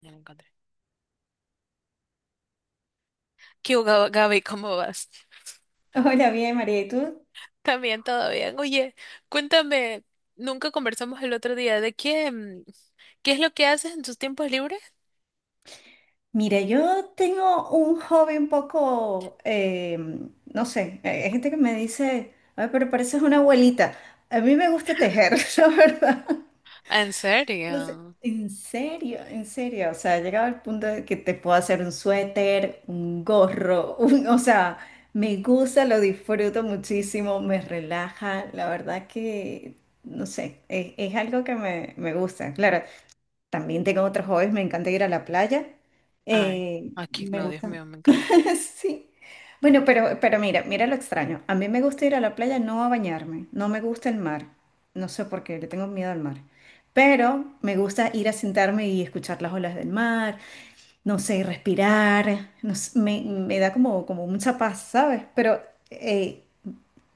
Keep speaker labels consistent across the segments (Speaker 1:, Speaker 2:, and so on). Speaker 1: Ya lo encontré. ¿Qué hubo, Gaby? ¿Cómo vas?
Speaker 2: Hola, bien, María, ¿y tú?
Speaker 1: También todo bien. Oye, cuéntame, nunca conversamos el otro día de qué, qué es lo que haces en tus tiempos libres.
Speaker 2: Mira, yo tengo un hobby un poco, no sé, hay gente que me dice, ay, pero pareces una abuelita. A mí me gusta tejer, la verdad.
Speaker 1: ¿En
Speaker 2: No sé,
Speaker 1: serio?
Speaker 2: en serio, en serio. O sea, he llegado al punto de que te puedo hacer un suéter, un gorro, o sea, me gusta, lo disfruto muchísimo, me relaja. La verdad que, no sé, es algo que me gusta. Claro, también tengo otros hobbies, me encanta ir a la playa.
Speaker 1: Ay, aquí
Speaker 2: Me
Speaker 1: no, Dios
Speaker 2: gusta.
Speaker 1: mío, me encanta.
Speaker 2: Sí. Bueno, pero mira, mira lo extraño. A mí me gusta ir a la playa no a bañarme, no me gusta el mar. No sé por qué, le tengo miedo al mar. Pero me gusta ir a sentarme y escuchar las olas del mar, no sé, respirar. No sé, me da como, como mucha paz, ¿sabes? Pero eh,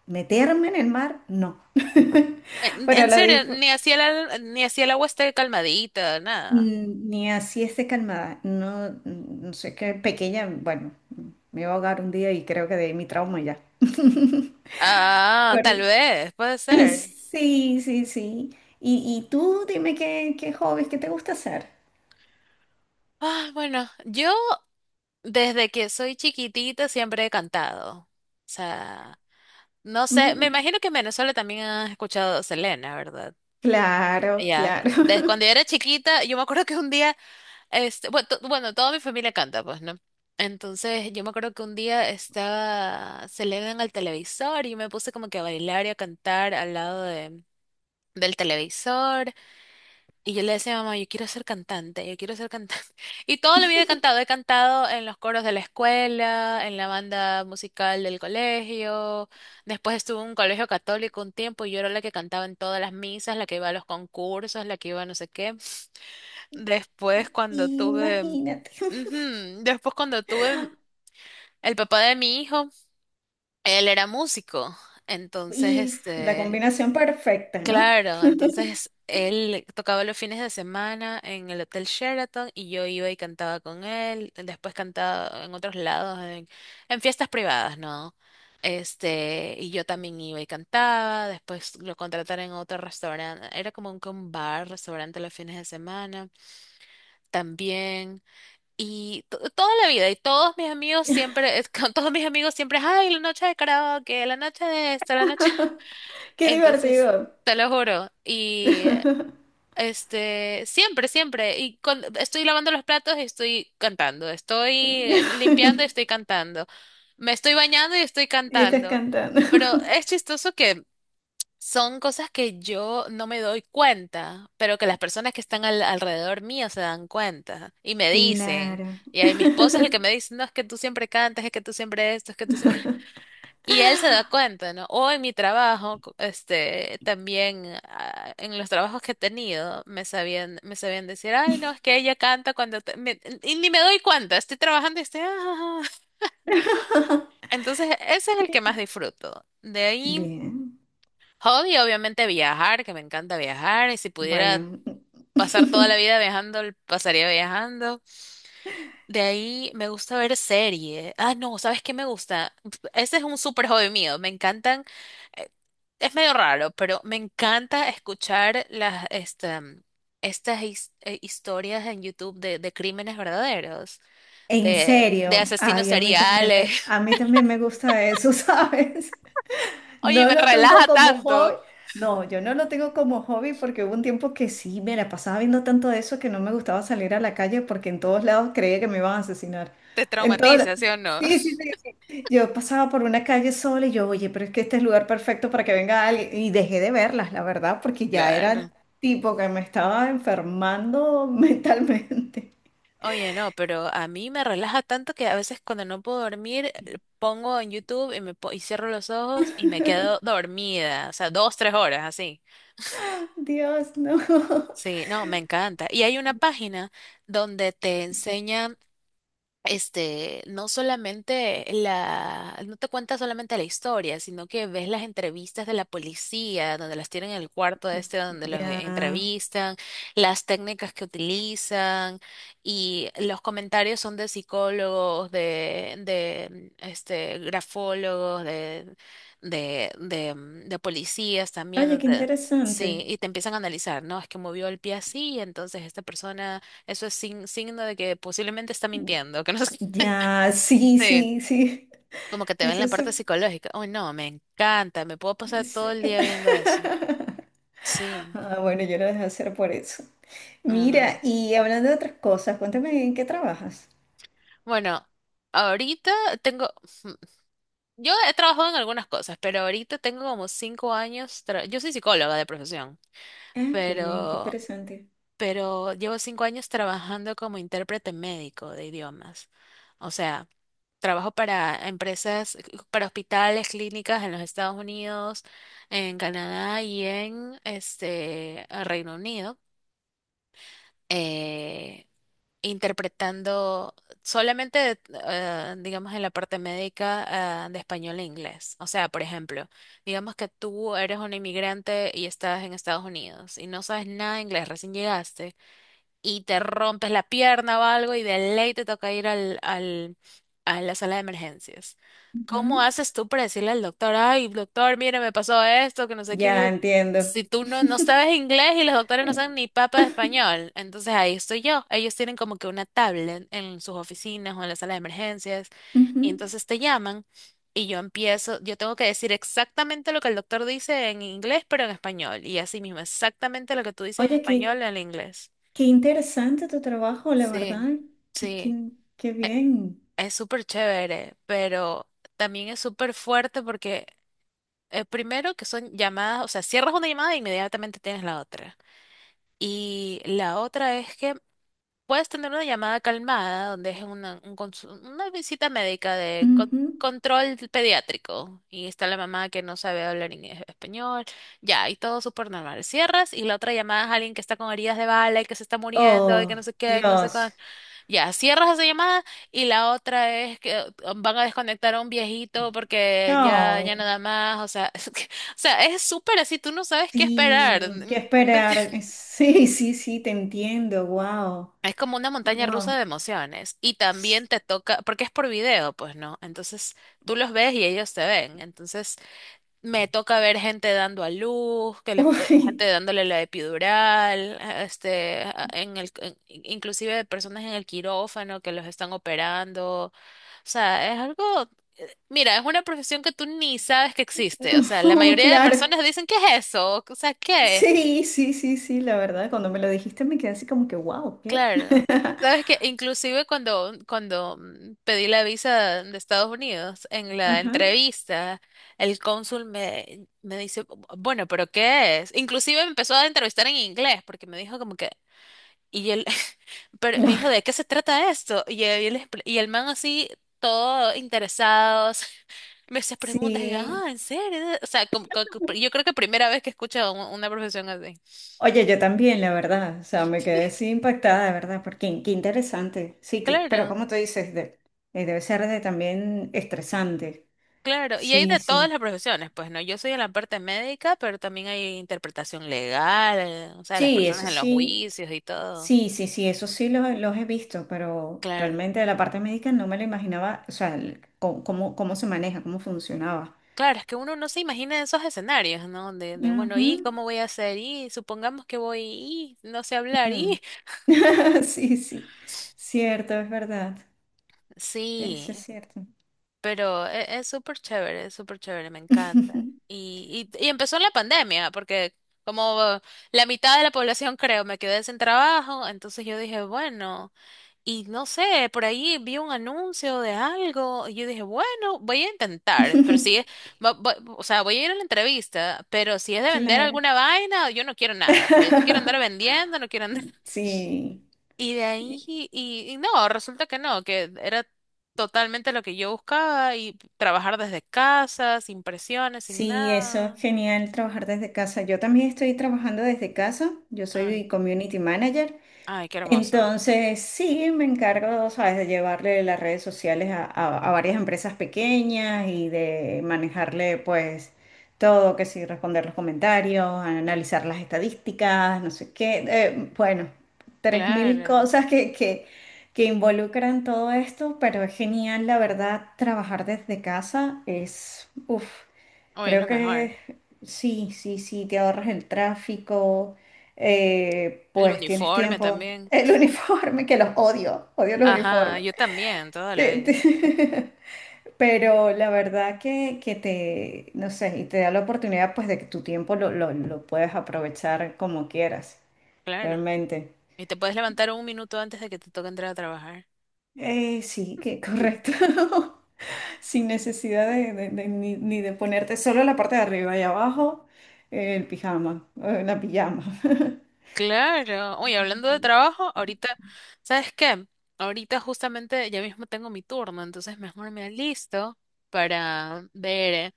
Speaker 2: meterme en el mar, no.
Speaker 1: En,
Speaker 2: Pero
Speaker 1: en
Speaker 2: lo,
Speaker 1: serio,
Speaker 2: disfr-
Speaker 1: ni hacía el agua esté calmadita, nada.
Speaker 2: Ni así esté calmada. No, no sé qué pequeña, bueno, me iba a ahogar un día y creo que de ahí mi trauma ya.
Speaker 1: Ah,
Speaker 2: Pero-
Speaker 1: tal vez, puede ser.
Speaker 2: Sí, sí, sí. Y tú dime qué, qué hobbies, qué te gusta hacer.
Speaker 1: Ah, bueno, yo desde que soy chiquitita siempre he cantado. O sea, no sé, me
Speaker 2: Mm,
Speaker 1: imagino que en Venezuela también has escuchado Selena, ¿verdad?
Speaker 2: claro,
Speaker 1: Ya,
Speaker 2: claro.
Speaker 1: desde cuando yo era chiquita, yo me acuerdo que un día, bueno, toda mi familia canta, pues, ¿no? Entonces, yo me acuerdo que un día estaba Selena en el televisor y me puse como que a bailar y a cantar al lado del televisor. Y yo le decía, mamá, yo quiero ser cantante, yo quiero ser cantante. Y toda la vida he cantado en los coros de la escuela, en la banda musical del colegio. Después estuve en un colegio católico un tiempo y yo era la que cantaba en todas las misas, la que iba a los concursos, la que iba a no sé qué. Después cuando tuve,
Speaker 2: Imagínate.
Speaker 1: ujú. Después cuando tuve el papá de mi hijo, él era músico. Entonces,
Speaker 2: Y la
Speaker 1: este...
Speaker 2: combinación perfecta, ¿no?
Speaker 1: Claro, entonces él tocaba los fines de semana en el Hotel Sheraton y yo iba y cantaba con él, después cantaba en otros lados, en fiestas privadas, ¿no? Este, y yo también iba y cantaba, después lo contrataron en otro restaurante, era como un, que un bar, restaurante los fines de semana, también, y toda la vida, y todos mis amigos siempre, con todos mis amigos siempre, ay, la noche de karaoke, la noche de esto, la noche...
Speaker 2: Qué
Speaker 1: Entonces...
Speaker 2: divertido.
Speaker 1: Te lo juro. Y este, siempre, siempre. Estoy lavando los platos y estoy cantando. Estoy
Speaker 2: Y
Speaker 1: limpiando y estoy cantando. Me estoy bañando y estoy
Speaker 2: estás
Speaker 1: cantando.
Speaker 2: cantando.
Speaker 1: Pero es chistoso que son cosas que yo no me doy cuenta, pero que las personas que están alrededor mío se dan cuenta y me dicen.
Speaker 2: Claro.
Speaker 1: Y ahí mi esposo es el que me dice, no, es que tú siempre cantas, es que tú siempre esto, es que tú siempre... Y él se da cuenta, ¿no? O en mi trabajo, este, también ah, en los trabajos que he tenido, me sabían decir, ay, no, es que ella canta cuando... te-". Me- y ni me doy cuenta, estoy trabajando y estoy... "Ah, ja, ja". Entonces, ese es el que más disfruto. De ahí,
Speaker 2: Bien,
Speaker 1: hobby, obviamente viajar, que me encanta viajar, y si pudiera
Speaker 2: bueno,
Speaker 1: pasar toda la vida viajando, pasaría viajando. De ahí me gusta ver serie. Ah, no, ¿sabes qué me gusta? Ese es un súper hobby mío. Me encantan. eh, Es medio raro, pero me encanta escuchar estas historias en YouTube de crímenes verdaderos,
Speaker 2: en
Speaker 1: de
Speaker 2: serio,
Speaker 1: asesinos
Speaker 2: ay, a mí también
Speaker 1: seriales.
Speaker 2: a mí también me gusta eso, ¿sabes?
Speaker 1: Oye,
Speaker 2: No
Speaker 1: me
Speaker 2: lo tengo
Speaker 1: relaja
Speaker 2: como hobby,
Speaker 1: tanto.
Speaker 2: no, yo no lo tengo como hobby porque hubo un tiempo que sí, me la pasaba viendo tanto de eso que no me gustaba salir a la calle porque en todos lados creía que me iban a asesinar.
Speaker 1: Te
Speaker 2: En todos la-
Speaker 1: traumatiza, ¿sí o no?
Speaker 2: sí, sí, sí. Yo pasaba por una calle sola y yo, oye, pero es que este es el lugar perfecto para que venga alguien. Y dejé de verlas, la verdad, porque ya era
Speaker 1: Claro.
Speaker 2: tipo que me estaba enfermando mentalmente.
Speaker 1: Oye, no, pero a mí me relaja tanto que a veces cuando no puedo dormir, pongo en YouTube y cierro los ojos y me quedo dormida, o sea, dos, tres horas así.
Speaker 2: Dios, no.
Speaker 1: Sí, no, me encanta. Y hay una página donde te enseñan este, no solamente la, no te cuenta solamente la historia, sino que ves las entrevistas de la policía, donde las tienen en el cuarto este, donde los
Speaker 2: Ya.
Speaker 1: entrevistan, las técnicas que utilizan y los comentarios son de psicólogos, este, grafólogos, de policías también,
Speaker 2: Oye, qué
Speaker 1: donde... Sí,
Speaker 2: interesante.
Speaker 1: y te empiezan a analizar, ¿no? Es que movió el pie así, entonces esta persona eso es signo de que posiblemente está mintiendo, que no sé.
Speaker 2: Ya, sí,
Speaker 1: Sí.
Speaker 2: sí, sí.
Speaker 1: Como que te ven
Speaker 2: Eso
Speaker 1: la
Speaker 2: es...
Speaker 1: parte psicológica. Uy, no, me encanta, me puedo pasar todo
Speaker 2: sí.
Speaker 1: el día viendo eso. Sí,
Speaker 2: Ah, bueno, yo lo dejé hacer por eso.
Speaker 1: no, no.
Speaker 2: Mira, y hablando de otras cosas, cuéntame en qué trabajas.
Speaker 1: Bueno, ahorita tengo, yo he trabajado en algunas cosas, pero ahorita tengo como cinco años, yo soy psicóloga de profesión,
Speaker 2: Ah, qué bien, qué
Speaker 1: pero
Speaker 2: interesante.
Speaker 1: llevo cinco años trabajando como intérprete médico de idiomas. O sea, trabajo para empresas, para hospitales, clínicas en los Estados Unidos, en Canadá y en este Reino Unido, eh, interpretando solamente, digamos, en la parte médica, de español e inglés. O sea, por ejemplo, digamos que tú eres un inmigrante y estás en Estados Unidos y no sabes nada de inglés, recién llegaste y te rompes la pierna o algo y de ley te toca ir a la sala de emergencias. ¿Cómo
Speaker 2: Ujú.
Speaker 1: haces tú para decirle al doctor, ay, doctor, mire, me pasó esto, que no sé
Speaker 2: Ya
Speaker 1: qué?
Speaker 2: entiendo.
Speaker 1: Si tú no sabes inglés y los doctores no saben ni papa de español, entonces ahí estoy yo. Ellos tienen como que una tablet en sus oficinas o en la sala de emergencias
Speaker 2: Ujú.
Speaker 1: y entonces te llaman y yo empiezo, yo tengo que decir exactamente lo que el doctor dice en inglés, pero en español y así mismo, exactamente lo que tú dices en
Speaker 2: Oye,
Speaker 1: español en inglés.
Speaker 2: qué interesante tu trabajo, la
Speaker 1: Sí,
Speaker 2: verdad. Qué,
Speaker 1: sí,
Speaker 2: qué- qué bien.
Speaker 1: es súper chévere, pero también es súper fuerte porque primero que son llamadas, o sea, cierras una llamada e inmediatamente tienes la otra. Y la otra es que puedes tener una llamada calmada, donde es una visita médica de
Speaker 2: Ujú.
Speaker 1: control pediátrico y está la mamá que no sabe hablar en español, ya, y todo súper normal. Cierras y la otra llamada es alguien que está con heridas de bala y que se está muriendo y que
Speaker 2: Oh,
Speaker 1: no sé qué, que no sé qué.
Speaker 2: Dios.
Speaker 1: Ya, cierras esa llamada y la otra es que van a desconectar a un viejito porque ya, ya
Speaker 2: Ay,
Speaker 1: nada más, o sea, o sea, es súper así, tú no sabes qué esperar. N-
Speaker 2: sí, qué
Speaker 1: n-
Speaker 2: esperar. Sí, sí, sí, te entiendo. Wow.
Speaker 1: Es como una montaña rusa de
Speaker 2: Wow.
Speaker 1: emociones y también te toca, porque es por video, pues, ¿no? Entonces tú los ves y ellos te ven, entonces me toca ver gente dando a luz,
Speaker 2: Uy,
Speaker 1: gente dándole la epidural, este, inclusive de personas en el quirófano que los están operando. O sea, es algo, mira, es una profesión que tú ni sabes que existe. O sea, la
Speaker 2: no,
Speaker 1: mayoría de
Speaker 2: claro.
Speaker 1: personas dicen, ¿qué es eso? O sea, ¿qué?
Speaker 2: Sí, sí, sí, sí, la verdad. Cuando me lo dijiste me quedé así como que, wow, ¿qué?
Speaker 1: Claro. Sabes que inclusive cuando pedí la visa de Estados Unidos, en la
Speaker 2: Ajá.
Speaker 1: entrevista, el cónsul me dice, bueno, pero ¿qué es?" Inclusive me empezó a entrevistar en inglés porque me dijo como que, y él, pero me
Speaker 2: Ah,
Speaker 1: dijo, ¿de qué se trata esto? Y el man así, todo interesados, me hace preguntas y yo,
Speaker 2: sí.
Speaker 1: ah, ¿en serio? O sea, yo creo que primera vez que escucho a una profesión así.
Speaker 2: Oye, yo también, la verdad, o sea, me quedé así impactada, de verdad, porque qué qué interesante. Pero
Speaker 1: Claro.
Speaker 2: como tú dices, debe ser de también estresante.
Speaker 1: Claro, y hay
Speaker 2: Sí,
Speaker 1: de todas
Speaker 2: sí.
Speaker 1: las profesiones, pues no, yo soy en la parte médica, pero también hay interpretación legal, o sea, las
Speaker 2: Sí,
Speaker 1: personas
Speaker 2: eso
Speaker 1: en los
Speaker 2: sí,
Speaker 1: juicios y todo.
Speaker 2: sí, sí, sí, eso sí los he visto, pero
Speaker 1: Claro,
Speaker 2: realmente de la parte médica no me lo imaginaba, o sea, cómo, cómo se maneja, cómo funcionaba.
Speaker 1: claro, es que uno no se imagina esos escenarios, ¿no? De bueno,
Speaker 2: Ujú,
Speaker 1: ¿y cómo voy a hacer? Y supongamos que voy, y no sé hablar,
Speaker 2: ujú.
Speaker 1: y
Speaker 2: Sí, sí, cierto, es verdad, eso es
Speaker 1: sí,
Speaker 2: cierto.
Speaker 1: pero es súper chévere, me encanta. Y empezó en la pandemia, porque como la mitad de la población, creo, me quedé sin trabajo, entonces yo dije, bueno. Y no sé, por ahí vi un anuncio de algo y yo dije, bueno, voy a intentar, pero si es, o sea, voy a ir a la entrevista, pero si es de vender
Speaker 2: Claro.
Speaker 1: alguna vaina, yo no quiero nada, o sea, yo no quiero andar vendiendo, no quiero andar...
Speaker 2: Sí,
Speaker 1: Y de ahí, no, resulta que no, que era totalmente lo que yo buscaba y trabajar desde casa, sin presiones, sin
Speaker 2: sí, eso
Speaker 1: nada.
Speaker 2: es genial trabajar desde casa. Yo también estoy trabajando desde casa. Yo
Speaker 1: Ay,
Speaker 2: soy community manager.
Speaker 1: ay, qué hermoso.
Speaker 2: Entonces, sí, me encargo, ¿sabes?, de llevarle las redes sociales a, a varias empresas pequeñas y de manejarle, pues, todo, que sí, responder los comentarios, analizar las estadísticas, no sé qué. Bueno, 3.000
Speaker 1: Claro.
Speaker 2: cosas que involucran todo esto, pero es genial, la verdad, trabajar desde casa es, uff.
Speaker 1: Hoy es lo
Speaker 2: Creo
Speaker 1: mejor.
Speaker 2: que sí, sí, sí, te ahorras el tráfico,
Speaker 1: El
Speaker 2: pues tienes
Speaker 1: uniforme
Speaker 2: tiempo.
Speaker 1: también.
Speaker 2: El uniforme, que los odio, odio los
Speaker 1: Ajá,
Speaker 2: uniformes.
Speaker 1: yo también, toda la
Speaker 2: Te-
Speaker 1: vida.
Speaker 2: te- Pero la verdad que te, no sé, y te da la oportunidad pues de que tu tiempo lo puedes aprovechar como quieras,
Speaker 1: Claro.
Speaker 2: realmente.
Speaker 1: Y te puedes levantar un minuto antes de que te toque entrar a trabajar.
Speaker 2: Sí, que correcto. Sin necesidad de ni, ni de ponerte solo la parte de arriba y abajo, el pijama, la pijama.
Speaker 1: Claro. Oye, hablando de trabajo, ahorita, ¿sabes qué? Ahorita justamente ya mismo tengo mi turno, entonces mejor me alisto para ver. Eh,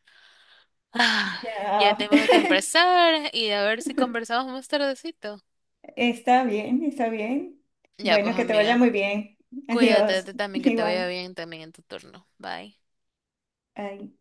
Speaker 1: ah, ya
Speaker 2: Ya,
Speaker 1: tengo que empezar y a ver si conversamos más tardecito.
Speaker 2: está bien, está bien.
Speaker 1: Ya, pues
Speaker 2: Bueno, que te vaya
Speaker 1: amiga,
Speaker 2: muy bien.
Speaker 1: cuídate
Speaker 2: Adiós.
Speaker 1: tú también, que te vaya
Speaker 2: Igual.
Speaker 1: bien también en tu turno. Bye.
Speaker 2: Ay.